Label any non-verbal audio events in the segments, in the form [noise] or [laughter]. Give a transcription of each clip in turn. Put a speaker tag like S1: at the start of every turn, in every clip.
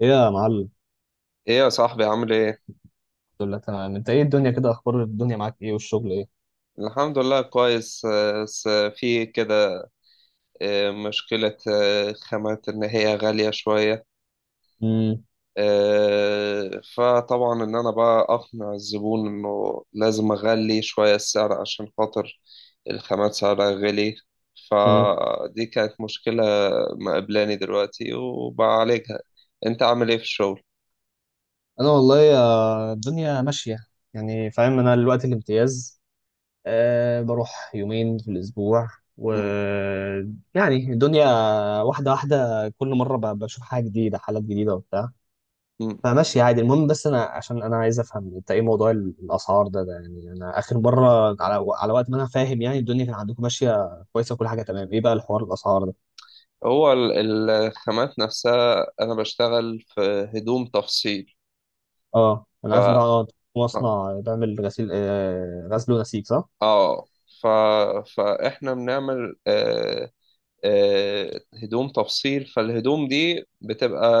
S1: ايه يا معلم.
S2: ايه يا صاحبي عامل ايه؟
S1: الحمد لله تمام، انت ايه الدنيا كده، اخبار الدنيا معاك ايه والشغل ايه؟
S2: الحمد لله كويس، بس في كده. مشكلة، خامات ان هي غالية شوية.
S1: امم
S2: فطبعا ان انا بقى اقنع الزبون انه لازم اغلي شوية السعر عشان خاطر الخامات سعرها غالي.
S1: امم
S2: فدي كانت مشكلة مقابلاني دلوقتي وبعالجها. انت عامل ايه في الشغل؟
S1: انا والله، الدنيا ماشيه، يعني فاهم، انا دلوقتي الامتياز، بروح يومين في الاسبوع، و
S2: مم.
S1: يعني الدنيا واحده واحده كل مره بشوف حاجه جديده، حالات جديده وبتاع.
S2: مم.
S1: فماشي عادي، المهم بس انا عشان انا عايز افهم انت ايه موضوع الاسعار ده، ده يعني انا اخر مره على وقت ما انا فاهم يعني الدنيا كان عندكم ماشيه كويسه وكل حاجه تمام، ايه بقى الحوار الاسعار ده؟
S2: هو الخامات نفسها انا بشتغل في هدوم تفصيل.
S1: اه
S2: ف
S1: انا عارف ان ده اه
S2: مم.
S1: مصنع بيعمل غسيل، غسل ونسيج، صح؟
S2: اه. ف... فاحنا بنعمل هدوم تفصيل. فالهدوم دي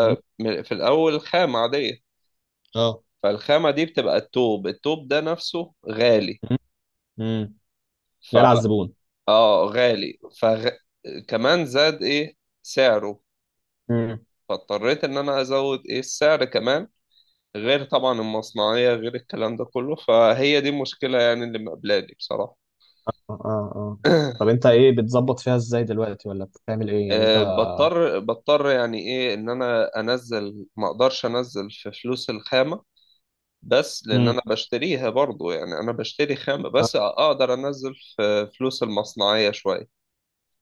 S1: مم.
S2: في الاول خامة عادية.
S1: اه.
S2: فالخامة دي بتبقى التوب، التوب ده نفسه غالي.
S1: مم. مم.
S2: ف
S1: جاي على الزبون.
S2: اه غالي. كمان زاد ايه سعره،
S1: مم.
S2: فاضطريت ان انا ازود ايه السعر كمان، غير طبعا المصنعية، غير الكلام ده كله. فهي دي المشكلة يعني اللي مقابلاني بصراحة.
S1: اه. اه. طب
S2: [clears throat]
S1: انت ايه بتظبط فيها ازاي دلوقتي، ولا بتعمل ايه يعني انت؟
S2: بضطر يعني ايه ان انا انزل، ما اقدرش انزل في فلوس الخامة، بس لان
S1: مم.
S2: انا بشتريها برضو، يعني انا بشتري خامة،
S1: اه.
S2: بس اقدر انزل في فلوس المصنعية شوية.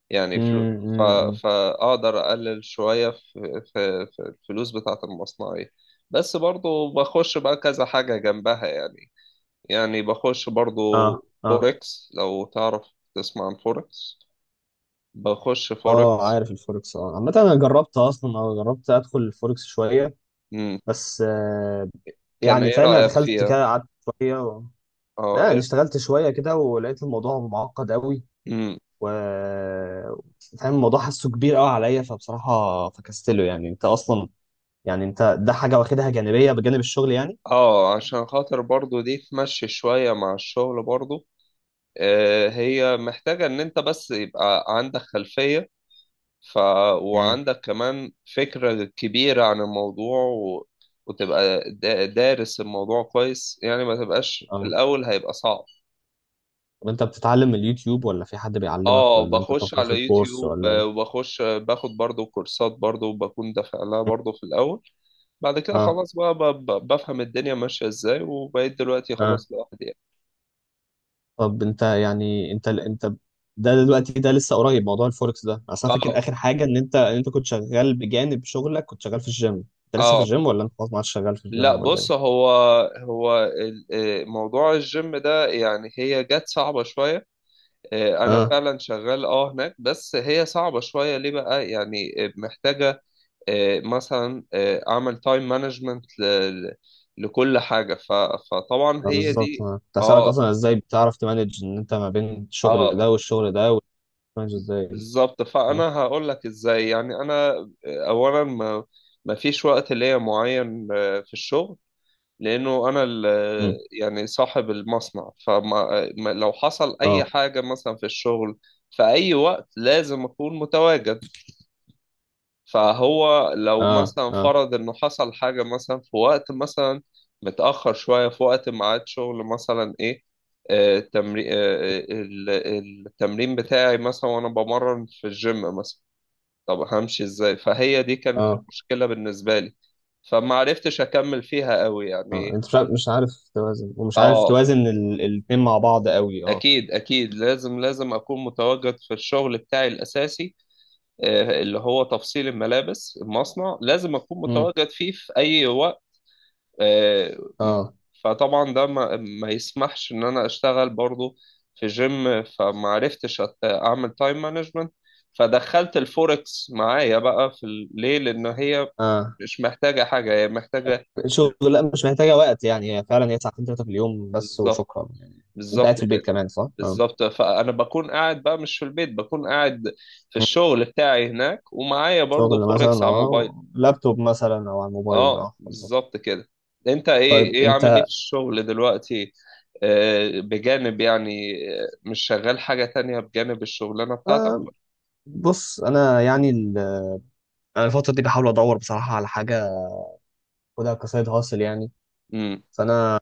S2: يعني
S1: مم.
S2: فلو ف...
S1: مم. مم.
S2: فاقدر اقلل شوية في الفلوس بتاعة المصنعية، بس برضو بخش بقى كذا حاجة جنبها يعني. يعني بخش برضو
S1: اه اه.
S2: فوركس، لو تعرف تسمع عن فوركس. بخش
S1: اه
S2: فوركس.
S1: عارف الفوركس، اه. عامة انا جربت اصلا، اه جربت ادخل الفوركس شوية،
S2: مم.
S1: بس آه.
S2: كان
S1: يعني
S2: ايه
S1: فاهم، انا
S2: رأيك
S1: دخلت
S2: فيها؟
S1: كده قعدت شوية و...
S2: اه
S1: لا انا
S2: إيه-
S1: اشتغلت شوية كده ولقيت الموضوع معقد قوي،
S2: مم.
S1: و فاهم الموضوع، حاسه كبير قوي عليا، فبصراحه فكستله. يعني انت اصلا، يعني انت ده حاجه واخدها جانبيه بجانب الشغل يعني؟
S2: اه، عشان خاطر برضو دي تمشي شوية مع الشغل برضو. آه، هي محتاجة ان انت بس يبقى عندك خلفية ف...
S1: امم.
S2: وعندك كمان فكرة كبيرة عن الموضوع، وتبقى دارس الموضوع كويس يعني. ما تبقاش في
S1: اه.
S2: الاول هيبقى صعب.
S1: طب انت بتتعلم من اليوتيوب، ولا في حد بيعلمك،
S2: اه،
S1: ولا انت
S2: بخش
S1: بتاخد في
S2: على
S1: الكورس،
S2: يوتيوب،
S1: ولا ايه؟
S2: وبخش باخد برضو كورسات برضو، وبكون دافع لها برضو في الاول. بعد كده
S1: اه.
S2: خلاص بقى بفهم الدنيا ماشية ازاي، وبقيت دلوقتي
S1: اه.
S2: خلاص لوحدي.
S1: طب انت يعني انت ده دلوقتي ده لسه قريب موضوع الفوركس ده، اصل انا فاكر
S2: اه،
S1: اخر حاجه ان انت كنت شغال بجانب شغلك، كنت شغال في الجيم. انت لسه في
S2: اه،
S1: الجيم، ولا انت خلاص ما عادش شغال في
S2: لا
S1: الجيم ولا
S2: بص. هو موضوع الجيم ده يعني هي جت صعبة شوية. انا
S1: ايه؟
S2: فعلا شغال اه هناك، بس هي صعبة شوية ليه بقى يعني. محتاجة مثلا اعمل تايم مانجمنت لكل حاجة. فطبعا
S1: ما
S2: هي
S1: بالظبط،
S2: دي.
S1: أنا كنت هسألك
S2: اه،
S1: أصلا إزاي بتعرف تمانج إن أنت ما بين الشغل
S2: اه،
S1: ده والشغل ده، وتمانج إزاي.
S2: بالظبط.
S1: أه.
S2: فانا هقول لك ازاي يعني انا، اولا ما فيش وقت ليا معين في الشغل، لانه انا
S1: أمم.
S2: يعني صاحب المصنع. فما لو حصل اي
S1: أه
S2: حاجه مثلا في الشغل في اي وقت لازم اكون متواجد. فهو لو
S1: أه
S2: مثلا
S1: أه
S2: فرض انه حصل حاجه مثلا في وقت مثلا متاخر شويه، في وقت ميعاد شغل مثلا ايه التمرين التمرين بتاعي مثلا، وانا بمرن في الجيم مثلا، طب همشي ازاي؟ فهي دي كانت
S1: أه.
S2: المشكله بالنسبه لي. فما عرفتش اكمل فيها قوي
S1: أه
S2: يعني.
S1: أنت مش عارف، مش عارف توازن، ومش عارف
S2: اه،
S1: توازن الاتنين مع بعض قوي، أه.
S2: أكيد أكيد لازم أكون متواجد في الشغل بتاعي الأساسي، اللي هو تفصيل الملابس. المصنع لازم أكون
S1: أمم.
S2: متواجد فيه في أي وقت. آه، م-
S1: أه.
S2: فطبعا ده ما يسمحش إن أنا أشتغل برضو في جيم. فما عرفتش أعمل تايم مانجمنت، فدخلت الفوركس معايا بقى في ليه، لأن هي
S1: أه
S2: مش محتاجة حاجة، هي محتاجة
S1: شغل، لا مش محتاجة وقت، يعني هي فعلا هي ساعتين تلاتة في اليوم بس
S2: بالظبط.
S1: وشكرا يعني. أنت قاعد
S2: بالظبط
S1: في البيت
S2: كده.
S1: كمان، صح؟ أه.
S2: بالظبط. فانا بكون قاعد بقى مش في البيت، بكون قاعد في
S1: أمم.
S2: الشغل بتاعي هناك، ومعايا برضو
S1: شغل مثلا،
S2: فوركس على الموبايل.
S1: أه لابتوب مثلا أو على الموبايل،
S2: اه
S1: أه بالظبط.
S2: بالظبط كده. انت
S1: طيب
S2: ايه، ايه عامل ايه
S1: أنت،
S2: في الشغل دلوقتي؟ بجانب يعني، مش شغال حاجة تانية بجانب الشغلانة بتاعتك؟
S1: آه، بص انا يعني، انا الفتره دي بحاول ادور بصراحه على حاجه، خدها كسايد هاسل يعني.
S2: امم،
S1: فانا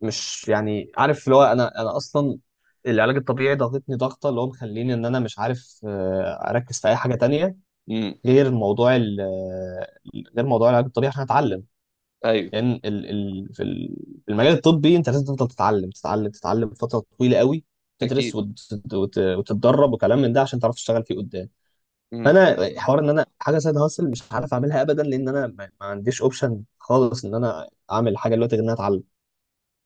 S1: مش يعني عارف اللي هو، انا اصلا العلاج الطبيعي ضغطتني ضغطه، اللي هو مخليني ان انا مش عارف اركز في اي حاجه تانية
S2: امم،
S1: غير موضوع غير موضوع العلاج الطبيعي، عشان اتعلم،
S2: ايوه،
S1: لان ال في في المجال الطبي انت لازم تفضل تتعلم تتعلم تتعلم فتره طويله قوي، تدرس
S2: اكيد،
S1: وتتدرب وكلام من ده عشان تعرف تشتغل فيه قدام.
S2: امم،
S1: فانا حوار ان انا حاجه سايد هاسل مش عارف اعملها ابدا، لان انا ما عنديش اوبشن خالص ان انا اعمل حاجه دلوقتي غير ان انا اتعلم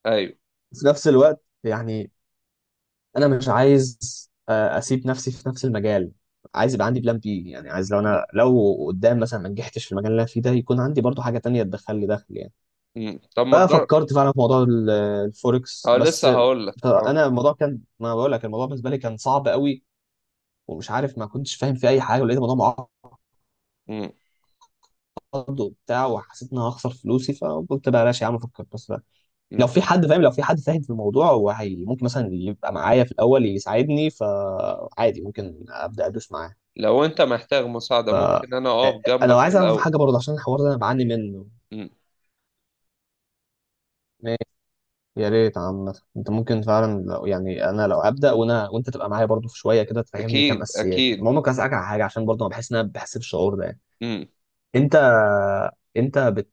S2: ايوه،
S1: في نفس الوقت يعني. انا مش عايز اسيب نفسي في نفس المجال، عايز يبقى عندي بلان بي، يعني عايز لو انا لو قدام مثلا ما نجحتش في المجال اللي انا فيه ده يكون عندي برضو حاجه تانية تدخل لي دخل يعني.
S2: امم. طب ما تجرب.
S1: ففكرت فعلا في موضوع الفوركس،
S2: اه
S1: بس
S2: لسه هقول لك اه.
S1: انا الموضوع كان، ما بقول لك، الموضوع بالنسبه لي كان صعب قوي، ومش عارف، ما كنتش فاهم في اي حاجه، ولقيت الموضوع
S2: امم.
S1: برضه وبتاع، وحسيت ان انا هخسر فلوسي فقلت بلاش يا عم افكر بس. لو
S2: أمم.
S1: في حد فاهم، لو في حد فاهم في الموضوع، هو هي ممكن مثلا يبقى معايا في الاول يساعدني، فعادي ممكن ابدا ادوس معاه.
S2: لو انت محتاج مساعدة
S1: ف
S2: ممكن انا اقف
S1: انا
S2: جنبك في
S1: عايز اعرف
S2: الاول.
S1: حاجه برضه عشان الحوار ده انا بعاني منه.
S2: امم.
S1: ماشي، يا ريت عامة انت ممكن فعلا لو يعني انا لو ابدا، وانا وانت تبقى معايا برضه في شويه كده تفهمني كام
S2: اكيد
S1: اساسيات.
S2: اكيد.
S1: المهم كنت عايز اسالك على حاجه، عشان برضه انا بحس ان انا بحس بالشعور ده يعني.
S2: امم.
S1: انت انت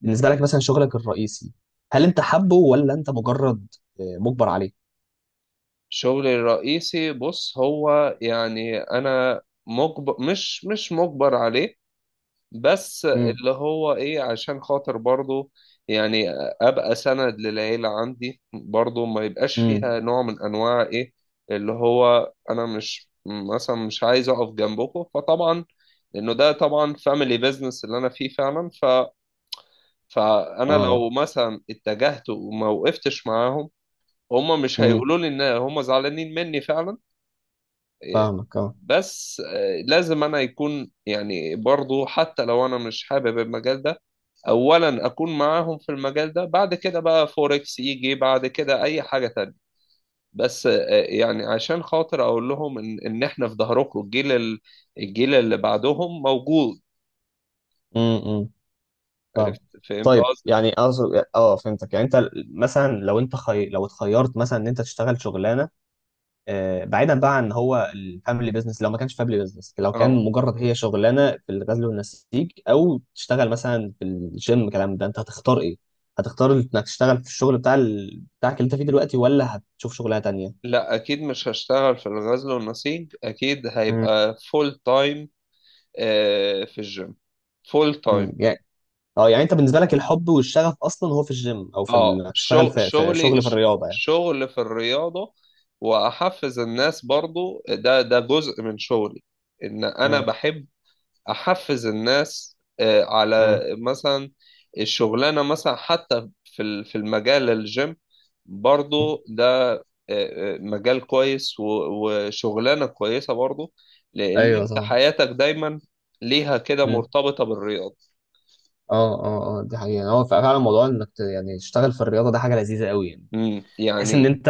S1: بالنسبه لك مثلا شغلك الرئيسي، هل انت حابه، ولا انت مجرد مجبر عليه؟
S2: شغلي الرئيسي بص هو يعني انا مجبر، مش مجبر عليه، بس
S1: امم
S2: اللي هو ايه عشان خاطر برضو يعني ابقى سند للعيلة عندي برضو، ما يبقاش
S1: امم
S2: فيها نوع من انواع ايه اللي هو انا مش مثلا مش عايز اقف جنبكم. فطبعا لانه ده طبعا فاميلي بيزنس اللي انا فيه فعلا. فانا لو
S1: اه.
S2: مثلا اتجهت وما وقفتش معاهم، هم مش
S1: امم.
S2: هيقولوا لي ان هم زعلانين مني فعلا،
S1: فاهمك اه.
S2: بس لازم انا يكون يعني برضو حتى لو انا مش حابب المجال ده، اولا اكون معاهم في المجال ده. بعد كده بقى فوركس يجي بعد كده اي حاجة تانية. بس يعني عشان خاطر اقول لهم ان احنا في ظهركم. الجيل الجيل اللي بعدهم موجود.
S1: امم. فاهم.
S2: عرفت؟ فهمت
S1: طيب
S2: قصدي؟
S1: يعني اقصد اه، فهمتك يعني انت مثلا لو انت لو اتخيرت مثلا ان انت تشتغل شغلانه، آه بعيدا بقى عن هو الفاميلي بيزنس، لو ما كانش فاميلي بيزنس، لو كان
S2: اه.
S1: مجرد هي شغلانه في الغزل والنسيج، او تشتغل مثلا في الجيم كلام ده، انت هتختار ايه؟ هتختار انك تشتغل في الشغل بتاع بتاعك اللي انت فيه دلوقتي، ولا هتشوف شغلانه تانيه؟
S2: لا اكيد مش هشتغل في الغزل والنسيج. اكيد
S1: مم.
S2: هيبقى فول تايم في الجيم، فول
S1: مم.
S2: تايم.
S1: يعني اه، يعني انت بالنسبه لك الحب والشغف اصلا هو في الجيم، او في
S2: اه
S1: تشتغل في
S2: شغلي
S1: شغل في الرياضه يعني.
S2: شغل في الرياضة، واحفز الناس برضو. ده جزء من شغلي ان انا
S1: مم.
S2: بحب احفز الناس
S1: مم.
S2: على مثلا الشغلانة مثلا، حتى في في المجال الجيم
S1: مم.
S2: برضو ده مجال كويس، وشغلانة كويسة برضو، لان
S1: ايوه
S2: انت
S1: طبعا.
S2: حياتك دايما ليها كده
S1: مم.
S2: مرتبطة بالرياضة.
S1: اه اه اه، دي حقيقة، هو فعلا موضوع انك يعني تشتغل في الرياضة ده حاجة لذيذة قوي يعني،
S2: مم،
S1: تحس ان
S2: يعني
S1: انت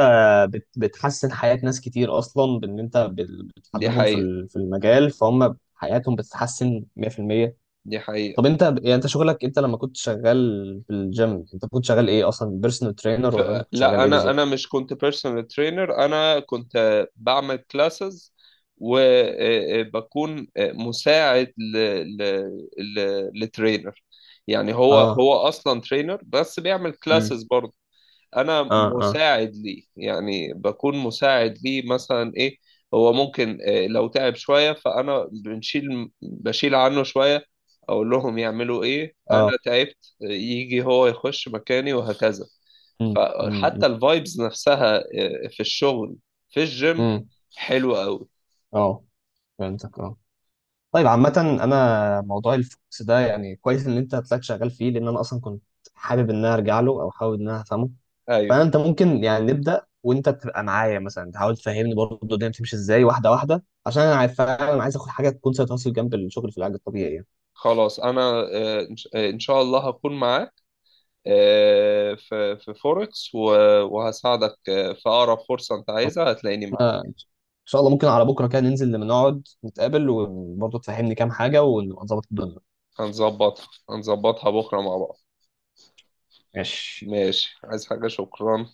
S1: بتحسن حياة ناس كتير، اصلا بان انت
S2: دي
S1: بتحببهم في
S2: حقيقة،
S1: في المجال، فهم حياتهم بتتحسن 100%.
S2: دي حقيقة.
S1: طب انت يعني انت شغلك، انت لما كنت شغال في الجيم، انت كنت شغال ايه اصلا، بيرسونال ترينر،
S2: ف-
S1: ولا انت كنت شغال
S2: لا
S1: ايه
S2: انا،
S1: بالظبط؟
S2: مش كنت بيرسونال ترينر. انا كنت بعمل كلاسز، وبكون مساعد ل ل لترينر يعني هو
S1: اه.
S2: هو اصلا ترينر بس بيعمل
S1: امم.
S2: كلاسز برضه، انا
S1: اه
S2: مساعد ليه، يعني بكون مساعد ليه مثلا ايه. هو ممكن لو تعب شوية فانا بشيل عنه شوية، اقول لهم يعملوا ايه انا
S1: اه.
S2: تعبت، يجي هو يخش مكاني وهكذا.
S1: امم. امم.
S2: فحتى الفايبز نفسها في الشغل، في الجيم
S1: امم.
S2: حلوة قوي.
S1: اه. فهمتك اه. طيب عامة، انا موضوع الفوكس ده يعني كويس ان انت هتلاقيك شغال فيه، لان انا اصلا كنت حابب ان انا ارجع له، او حابب ان انا افهمه.
S2: ايوه
S1: فانت ممكن يعني نبدا، وانت تبقى معايا مثلا تحاول تفهمني برضه الدنيا بتمشي ازاي واحده واحده، عشان انا عارف فعلا عايز اخد حاجه تكون سايد هاسل جنب الشغل في العلاج الطبيعي يعني.
S2: خلاص انا، آه، إن ش- آه، إن شاء الله هكون معاك في فوركس، وهساعدك في اقرب فرصة انت
S1: أو-
S2: عايزها. هتلاقيني معاك.
S1: ان شاء الله، ممكن على بكره كده ننزل لما نقعد نتقابل، وبرضه تفهمني كام حاجه، ونبقى نظبط الدنيا.
S2: هنظبطها، هنظبطها بكرة مع بعض.
S1: ماشي.
S2: ماشي. عايز حاجة؟ شكرا.